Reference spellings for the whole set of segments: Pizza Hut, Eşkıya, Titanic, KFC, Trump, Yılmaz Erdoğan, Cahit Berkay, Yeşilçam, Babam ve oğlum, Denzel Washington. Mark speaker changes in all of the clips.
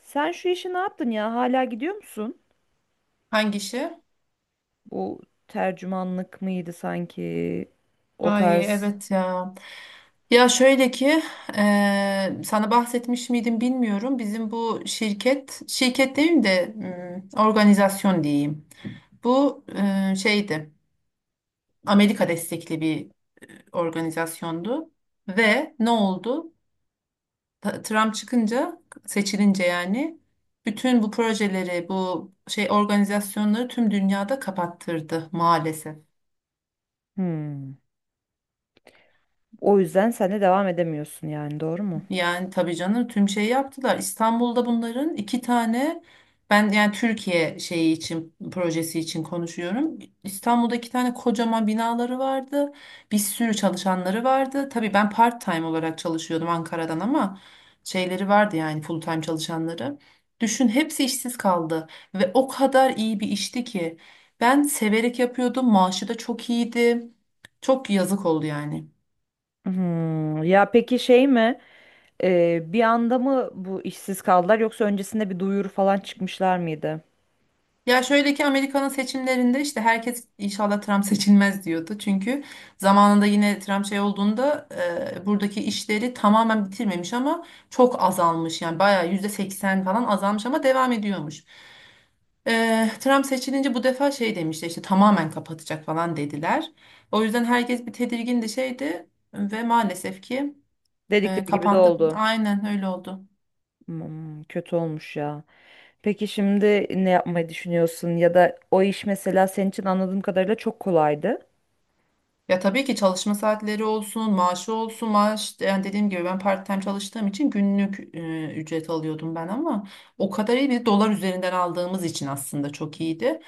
Speaker 1: Sen şu işi ne yaptın ya? Hala gidiyor musun?
Speaker 2: Hangisi?
Speaker 1: Bu tercümanlık mıydı sanki? O
Speaker 2: Ay
Speaker 1: tarz.
Speaker 2: evet ya. Ya şöyle ki sana bahsetmiş miydim bilmiyorum. Bizim bu şirket, şirket demeyeyim de organizasyon diyeyim. Bu şeydi, Amerika destekli bir organizasyondu. Ve ne oldu? Trump çıkınca, seçilince yani bütün bu projeleri, bu şey organizasyonları tüm dünyada kapattırdı maalesef.
Speaker 1: Hmm. O yüzden sen de devam edemiyorsun yani doğru mu?
Speaker 2: Yani tabii canım, tüm şeyi yaptılar. İstanbul'da bunların iki tane. Ben yani Türkiye şeyi için, projesi için konuşuyorum. İstanbul'da iki tane kocaman binaları vardı. Bir sürü çalışanları vardı. Tabii ben part time olarak çalışıyordum Ankara'dan ama şeyleri vardı yani, full time çalışanları. Düşün, hepsi işsiz kaldı ve o kadar iyi bir işti ki ben severek yapıyordum. Maaşı da çok iyiydi. Çok yazık oldu yani.
Speaker 1: Hmm. Ya peki şey mi? Bir anda mı bu işsiz kaldılar yoksa öncesinde bir duyuru falan çıkmışlar mıydı?
Speaker 2: Ya şöyle ki Amerika'nın seçimlerinde işte herkes inşallah Trump seçilmez diyordu. Çünkü zamanında yine Trump şey olduğunda buradaki işleri tamamen bitirmemiş ama çok azalmış. Yani bayağı %80 falan azalmış ama devam ediyormuş. Trump seçilince bu defa şey demişti işte, tamamen kapatacak falan dediler. O yüzden herkes bir tedirgindi, şeydi ve maalesef ki
Speaker 1: Dedikleri gibi de
Speaker 2: kapandı.
Speaker 1: oldu.
Speaker 2: Aynen öyle oldu.
Speaker 1: Hmm, kötü olmuş ya. Peki şimdi ne yapmayı düşünüyorsun? Ya da o iş mesela senin için anladığım kadarıyla çok kolaydı.
Speaker 2: Ya tabii ki çalışma saatleri olsun, maaşı olsun, maaş yani dediğim gibi ben part-time çalıştığım için günlük ücret alıyordum ben, ama o kadar iyi bir dolar üzerinden aldığımız için aslında çok iyiydi.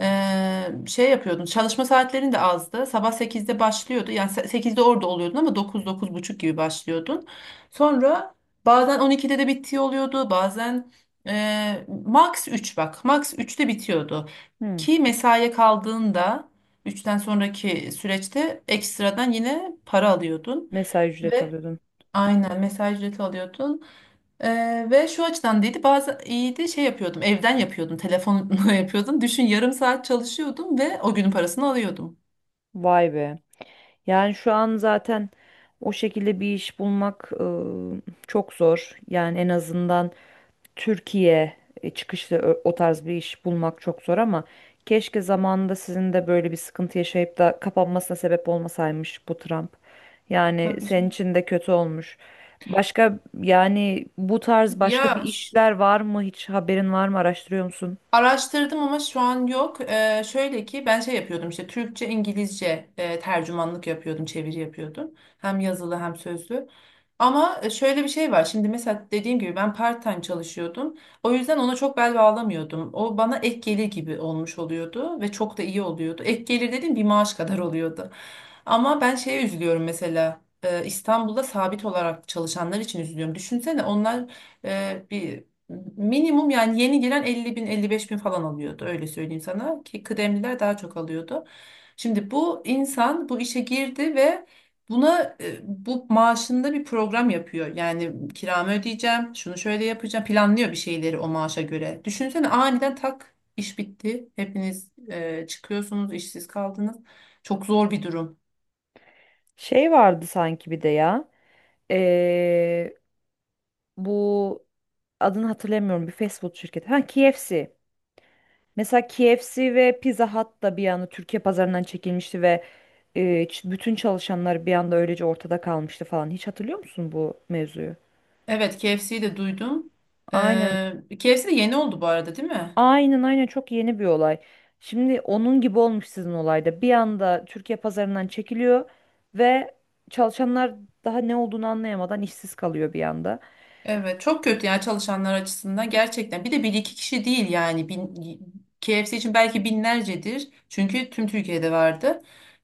Speaker 2: Şey yapıyordun. Çalışma saatlerin de azdı. Sabah sekizde başlıyordu. Yani 8'de orada oluyordun ama dokuz, dokuz buçuk gibi başlıyordun. Sonra bazen 12'de de bittiği oluyordu. Bazen max 3, bak. Max üçte bitiyordu.
Speaker 1: Hmm.
Speaker 2: Ki mesaiye kaldığında üçten sonraki süreçte ekstradan yine para alıyordun.
Speaker 1: Mesai ücret
Speaker 2: ve
Speaker 1: alıyordun.
Speaker 2: Aynen mesaj ücreti alıyordun. Ve şu açıdan değildi, bazı iyiydi, şey yapıyordum evden yapıyordum telefonla yapıyordum. Düşün, yarım saat çalışıyordum ve o günün parasını alıyordum.
Speaker 1: Vay be. Yani şu an zaten o şekilde bir iş bulmak çok zor. Yani en azından Türkiye çıkışlı o tarz bir iş bulmak çok zor ama keşke zamanında sizin de böyle bir sıkıntı yaşayıp da kapanmasına sebep olmasaymış bu Trump. Yani
Speaker 2: Tabii
Speaker 1: senin
Speaker 2: canım.
Speaker 1: için de kötü olmuş. Başka yani bu tarz başka bir
Speaker 2: Ya
Speaker 1: işler var mı? Hiç haberin var mı? Araştırıyor musun?
Speaker 2: araştırdım ama şu an yok. Şöyle ki ben şey yapıyordum işte, Türkçe, İngilizce tercümanlık yapıyordum, çeviri yapıyordum. Hem yazılı hem sözlü. Ama şöyle bir şey var. Şimdi mesela dediğim gibi ben part-time çalışıyordum. O yüzden ona çok bel bağlamıyordum. O bana ek gelir gibi olmuş oluyordu ve çok da iyi oluyordu. Ek gelir dediğim bir maaş kadar oluyordu. Ama ben şeye üzülüyorum mesela, İstanbul'da sabit olarak çalışanlar için üzülüyorum. Düşünsene, onlar bir minimum, yani yeni giren 50 bin, 55 bin falan alıyordu, öyle söyleyeyim sana ki kıdemliler daha çok alıyordu. Şimdi bu insan bu işe girdi ve buna bu maaşında bir program yapıyor. Yani kiramı ödeyeceğim, şunu şöyle yapacağım, planlıyor bir şeyleri o maaşa göre. Düşünsene, aniden tak iş bitti, hepiniz çıkıyorsunuz, işsiz kaldınız. Çok zor bir durum.
Speaker 1: Şey vardı sanki bir de ya, bu adını hatırlamıyorum bir fast food şirketi. Ha, KFC. Mesela KFC ve Pizza Hut da bir anda Türkiye pazarından çekilmişti ve e, bütün çalışanlar bir anda öylece ortada kalmıştı falan. Hiç hatırlıyor musun bu mevzuyu?
Speaker 2: Evet, KFC'yi de duydum.
Speaker 1: Aynen.
Speaker 2: Ee, KFC de yeni oldu bu arada, değil mi?
Speaker 1: Aynen aynen çok yeni bir olay. Şimdi onun gibi olmuş sizin olayda. Bir anda Türkiye pazarından çekiliyor ve çalışanlar daha ne olduğunu anlayamadan işsiz kalıyor bir anda.
Speaker 2: Evet, çok kötü yani çalışanlar açısından, gerçekten. Bir de bir iki kişi değil yani. KFC için belki binlercedir. Çünkü tüm Türkiye'de vardı.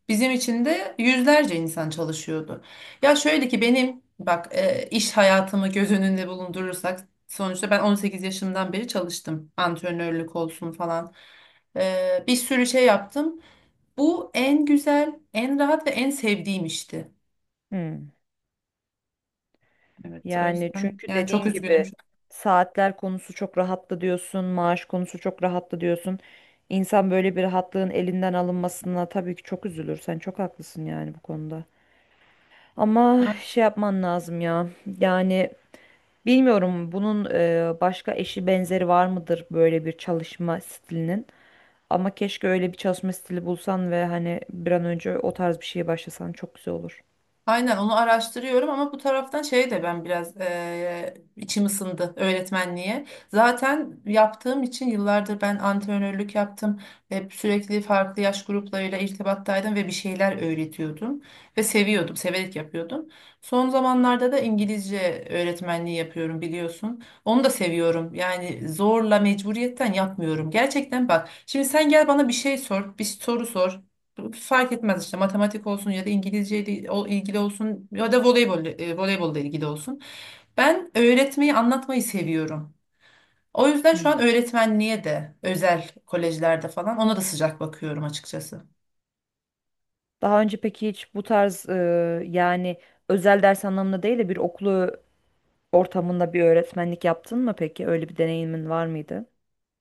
Speaker 2: Bizim için de yüzlerce insan çalışıyordu. Ya şöyle ki benim bak, iş hayatımı göz önünde bulundurursak, sonuçta ben 18 yaşımdan beri çalıştım. Antrenörlük olsun falan. Bir sürü şey yaptım. Bu en güzel, en rahat ve en sevdiğim işti.
Speaker 1: Hmm.
Speaker 2: Evet, o
Speaker 1: Yani
Speaker 2: yüzden
Speaker 1: çünkü
Speaker 2: yani çok
Speaker 1: dediğin
Speaker 2: üzgünüm.
Speaker 1: gibi saatler konusu çok rahattı diyorsun, maaş konusu çok rahattı diyorsun. İnsan böyle bir rahatlığın elinden alınmasına tabii ki çok üzülür. Sen çok haklısın yani bu konuda. Ama şey yapman lazım ya. Yani bilmiyorum bunun başka eşi benzeri var mıdır böyle bir çalışma stilinin. Ama keşke öyle bir çalışma stili bulsan ve hani bir an önce o tarz bir şeye başlasan çok güzel olur.
Speaker 2: Aynen, onu araştırıyorum ama bu taraftan şey de, ben biraz içim ısındı öğretmenliğe. Zaten yaptığım için, yıllardır ben antrenörlük yaptım. Hep sürekli farklı yaş gruplarıyla irtibattaydım ve bir şeyler öğretiyordum. Ve seviyordum, severek yapıyordum. Son zamanlarda da İngilizce öğretmenliği yapıyorum, biliyorsun. Onu da seviyorum. Yani zorla, mecburiyetten yapmıyorum. Gerçekten bak, şimdi sen gel bana bir şey sor, bir soru sor, fark etmez, işte matematik olsun ya da İngilizceyle ilgili olsun ya da voleybolla ilgili olsun. Ben öğretmeyi, anlatmayı seviyorum. O yüzden şu
Speaker 1: Hmm.
Speaker 2: an öğretmenliğe de, özel kolejlerde falan, ona da sıcak bakıyorum açıkçası.
Speaker 1: Daha önce peki hiç bu tarz yani özel ders anlamında değil de bir okulu ortamında bir öğretmenlik yaptın mı peki? Öyle bir deneyimin var mıydı?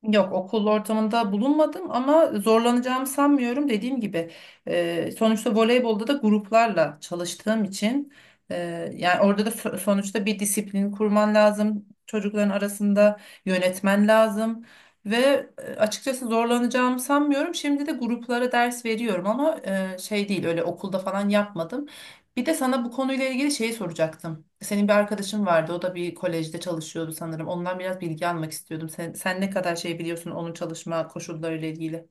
Speaker 2: Yok, okul ortamında bulunmadım ama zorlanacağımı sanmıyorum. Dediğim gibi, sonuçta voleybolda da gruplarla çalıştığım için, e, yani orada da sonuçta bir disiplin kurman lazım. Çocukların arasında yönetmen lazım ve açıkçası zorlanacağımı sanmıyorum. Şimdi de gruplara ders veriyorum ama şey değil, öyle okulda falan yapmadım. Bir de sana bu konuyla ilgili şeyi soracaktım. Senin bir arkadaşın vardı. O da bir kolejde çalışıyordu sanırım. Ondan biraz bilgi almak istiyordum. Sen ne kadar şey biliyorsun onun çalışma koşullarıyla ilgili?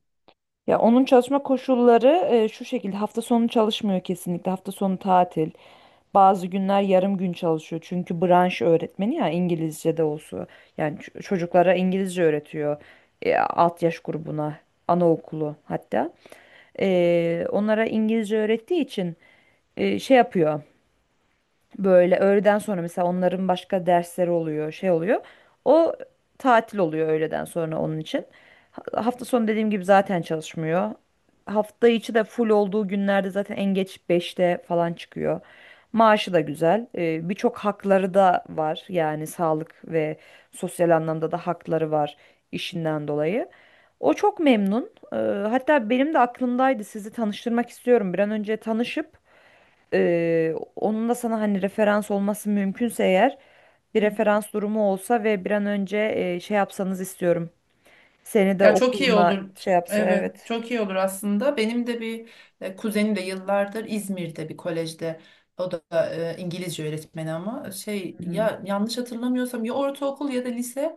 Speaker 1: Ya onun çalışma koşulları şu şekilde hafta sonu çalışmıyor, kesinlikle hafta sonu tatil. Bazı günler yarım gün çalışıyor çünkü branş öğretmeni ya, İngilizce de olsun. Yani çocuklara İngilizce öğretiyor, alt yaş grubuna, anaokulu hatta. Onlara İngilizce öğrettiği için şey yapıyor. Böyle öğleden sonra mesela onların başka dersleri oluyor, şey oluyor. O tatil oluyor öğleden sonra onun için. Hafta sonu dediğim gibi zaten çalışmıyor. Hafta içi de full olduğu günlerde zaten en geç beşte falan çıkıyor. Maaşı da güzel. Birçok hakları da var. Yani sağlık ve sosyal anlamda da hakları var işinden dolayı. O çok memnun. Hatta benim de aklımdaydı, sizi tanıştırmak istiyorum. Bir an önce tanışıp onun da sana hani referans olması mümkünse eğer, bir referans durumu olsa ve bir an önce şey yapsanız istiyorum. Seni de
Speaker 2: Ya çok iyi
Speaker 1: okuluna
Speaker 2: olur.
Speaker 1: şey yapsa,
Speaker 2: Evet,
Speaker 1: evet.
Speaker 2: çok iyi olur aslında. Benim de bir kuzenim de yıllardır İzmir'de bir kolejde. O da İngilizce öğretmeni ama şey
Speaker 1: Hı hı.
Speaker 2: ya, yanlış hatırlamıyorsam ya ortaokul ya da lise.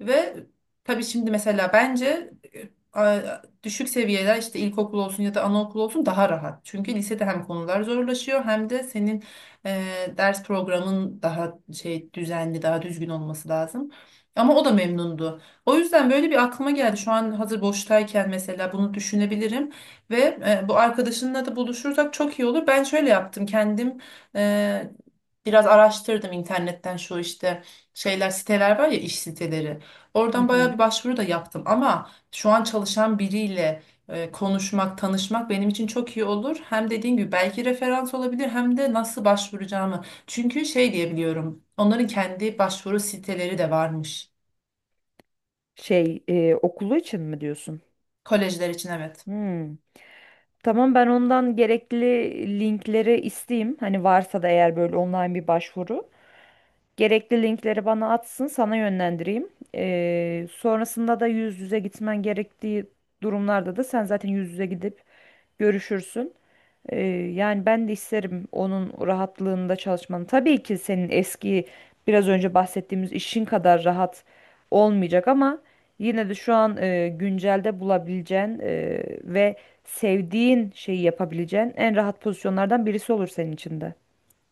Speaker 2: Ve tabii şimdi mesela bence düşük seviyeler, işte ilkokul olsun ya da anaokul olsun, daha rahat. Çünkü lisede hem konular zorlaşıyor hem de senin ders programın daha şey düzenli, daha düzgün olması lazım. Ama o da memnundu. O yüzden böyle bir aklıma geldi, şu an hazır boştayken mesela bunu düşünebilirim ve bu arkadaşınla da buluşursak çok iyi olur. Ben şöyle yaptım kendim. E, biraz araştırdım internetten, şu işte şeyler, siteler var ya, iş siteleri.
Speaker 1: Hı
Speaker 2: Oradan bayağı
Speaker 1: hı.
Speaker 2: bir başvuru da yaptım ama şu an çalışan biriyle konuşmak, tanışmak benim için çok iyi olur. Hem dediğin gibi belki referans olabilir, hem de nasıl başvuracağımı. Çünkü şey diyebiliyorum, onların kendi başvuru siteleri de varmış.
Speaker 1: Şey, okulu için mi diyorsun?
Speaker 2: Kolejler için, evet.
Speaker 1: Hmm. Tamam, ben ondan gerekli linkleri isteyeyim. Hani varsa da eğer böyle online bir başvuru. Gerekli linkleri bana atsın, sana yönlendireyim. Sonrasında da yüz yüze gitmen gerektiği durumlarda da sen zaten yüz yüze gidip görüşürsün. Ee, Yani ben de isterim onun rahatlığında çalışmanı. Tabii ki senin eski, biraz önce bahsettiğimiz işin kadar rahat olmayacak ama yine de şu an güncelde bulabileceğin ve sevdiğin şeyi yapabileceğin en rahat pozisyonlardan birisi olur senin için de.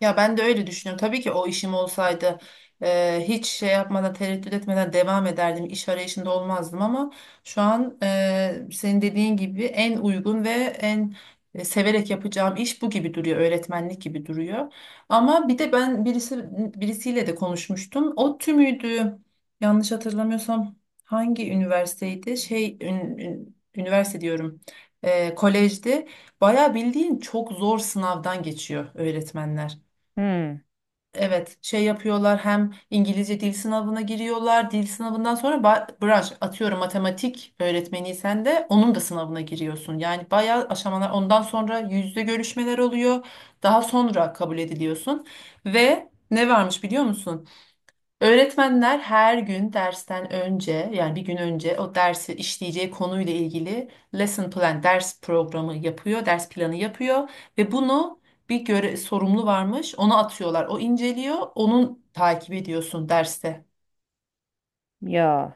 Speaker 2: Ya ben de öyle düşünüyorum. Tabii ki o işim olsaydı hiç şey yapmadan, tereddüt etmeden devam ederdim. İş arayışında olmazdım ama şu an senin dediğin gibi en uygun ve en severek yapacağım iş bu gibi duruyor. Öğretmenlik gibi duruyor. Ama bir de ben birisiyle de konuşmuştum. O tümüydü. Yanlış hatırlamıyorsam hangi üniversiteydi? Şey üniversite diyorum. Kolejdi. Bayağı bildiğin çok zor sınavdan geçiyor öğretmenler.
Speaker 1: Hmm,
Speaker 2: Evet, şey yapıyorlar, hem İngilizce dil sınavına giriyorlar. Dil sınavından sonra branş, atıyorum matematik öğretmeniysen de onun da sınavına giriyorsun. Yani bayağı aşamalar, ondan sonra yüzde görüşmeler oluyor. Daha sonra kabul ediliyorsun. Ve ne varmış biliyor musun? Öğretmenler her gün dersten önce, yani bir gün önce o dersi işleyeceği konuyla ilgili lesson plan, ders programı yapıyor, ders planı yapıyor ve bunu bir göre sorumlu varmış, ona atıyorlar. O inceliyor, onun takip ediyorsun derste.
Speaker 1: ya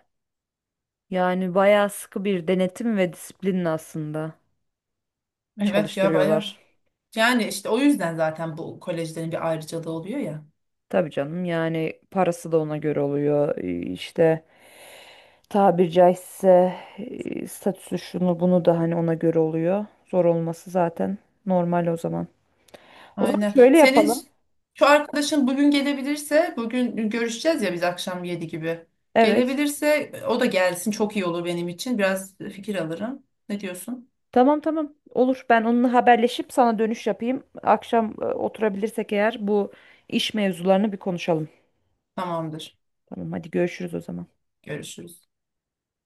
Speaker 1: yani bayağı sıkı bir denetim ve disiplin aslında
Speaker 2: Evet ya, baya.
Speaker 1: çalıştırıyorlar.
Speaker 2: Yani işte o yüzden zaten bu kolejlerin bir ayrıcalığı oluyor ya.
Speaker 1: Tabii canım, yani parası da ona göre oluyor işte, tabiri caizse statüsü şunu bunu da hani ona göre oluyor. Zor olması zaten normal o zaman. O zaman
Speaker 2: Aynen.
Speaker 1: şöyle
Speaker 2: Senin
Speaker 1: yapalım.
Speaker 2: şu arkadaşın bugün gelebilirse, bugün görüşeceğiz ya biz akşam 7 gibi.
Speaker 1: Evet.
Speaker 2: Gelebilirse o da gelsin, çok iyi olur benim için. Biraz fikir alırım. Ne diyorsun?
Speaker 1: Tamam, tamam, olur. Ben onunla haberleşip sana dönüş yapayım. Akşam oturabilirsek eğer bu iş mevzularını bir konuşalım.
Speaker 2: Tamamdır.
Speaker 1: Tamam, hadi görüşürüz o zaman.
Speaker 2: Görüşürüz.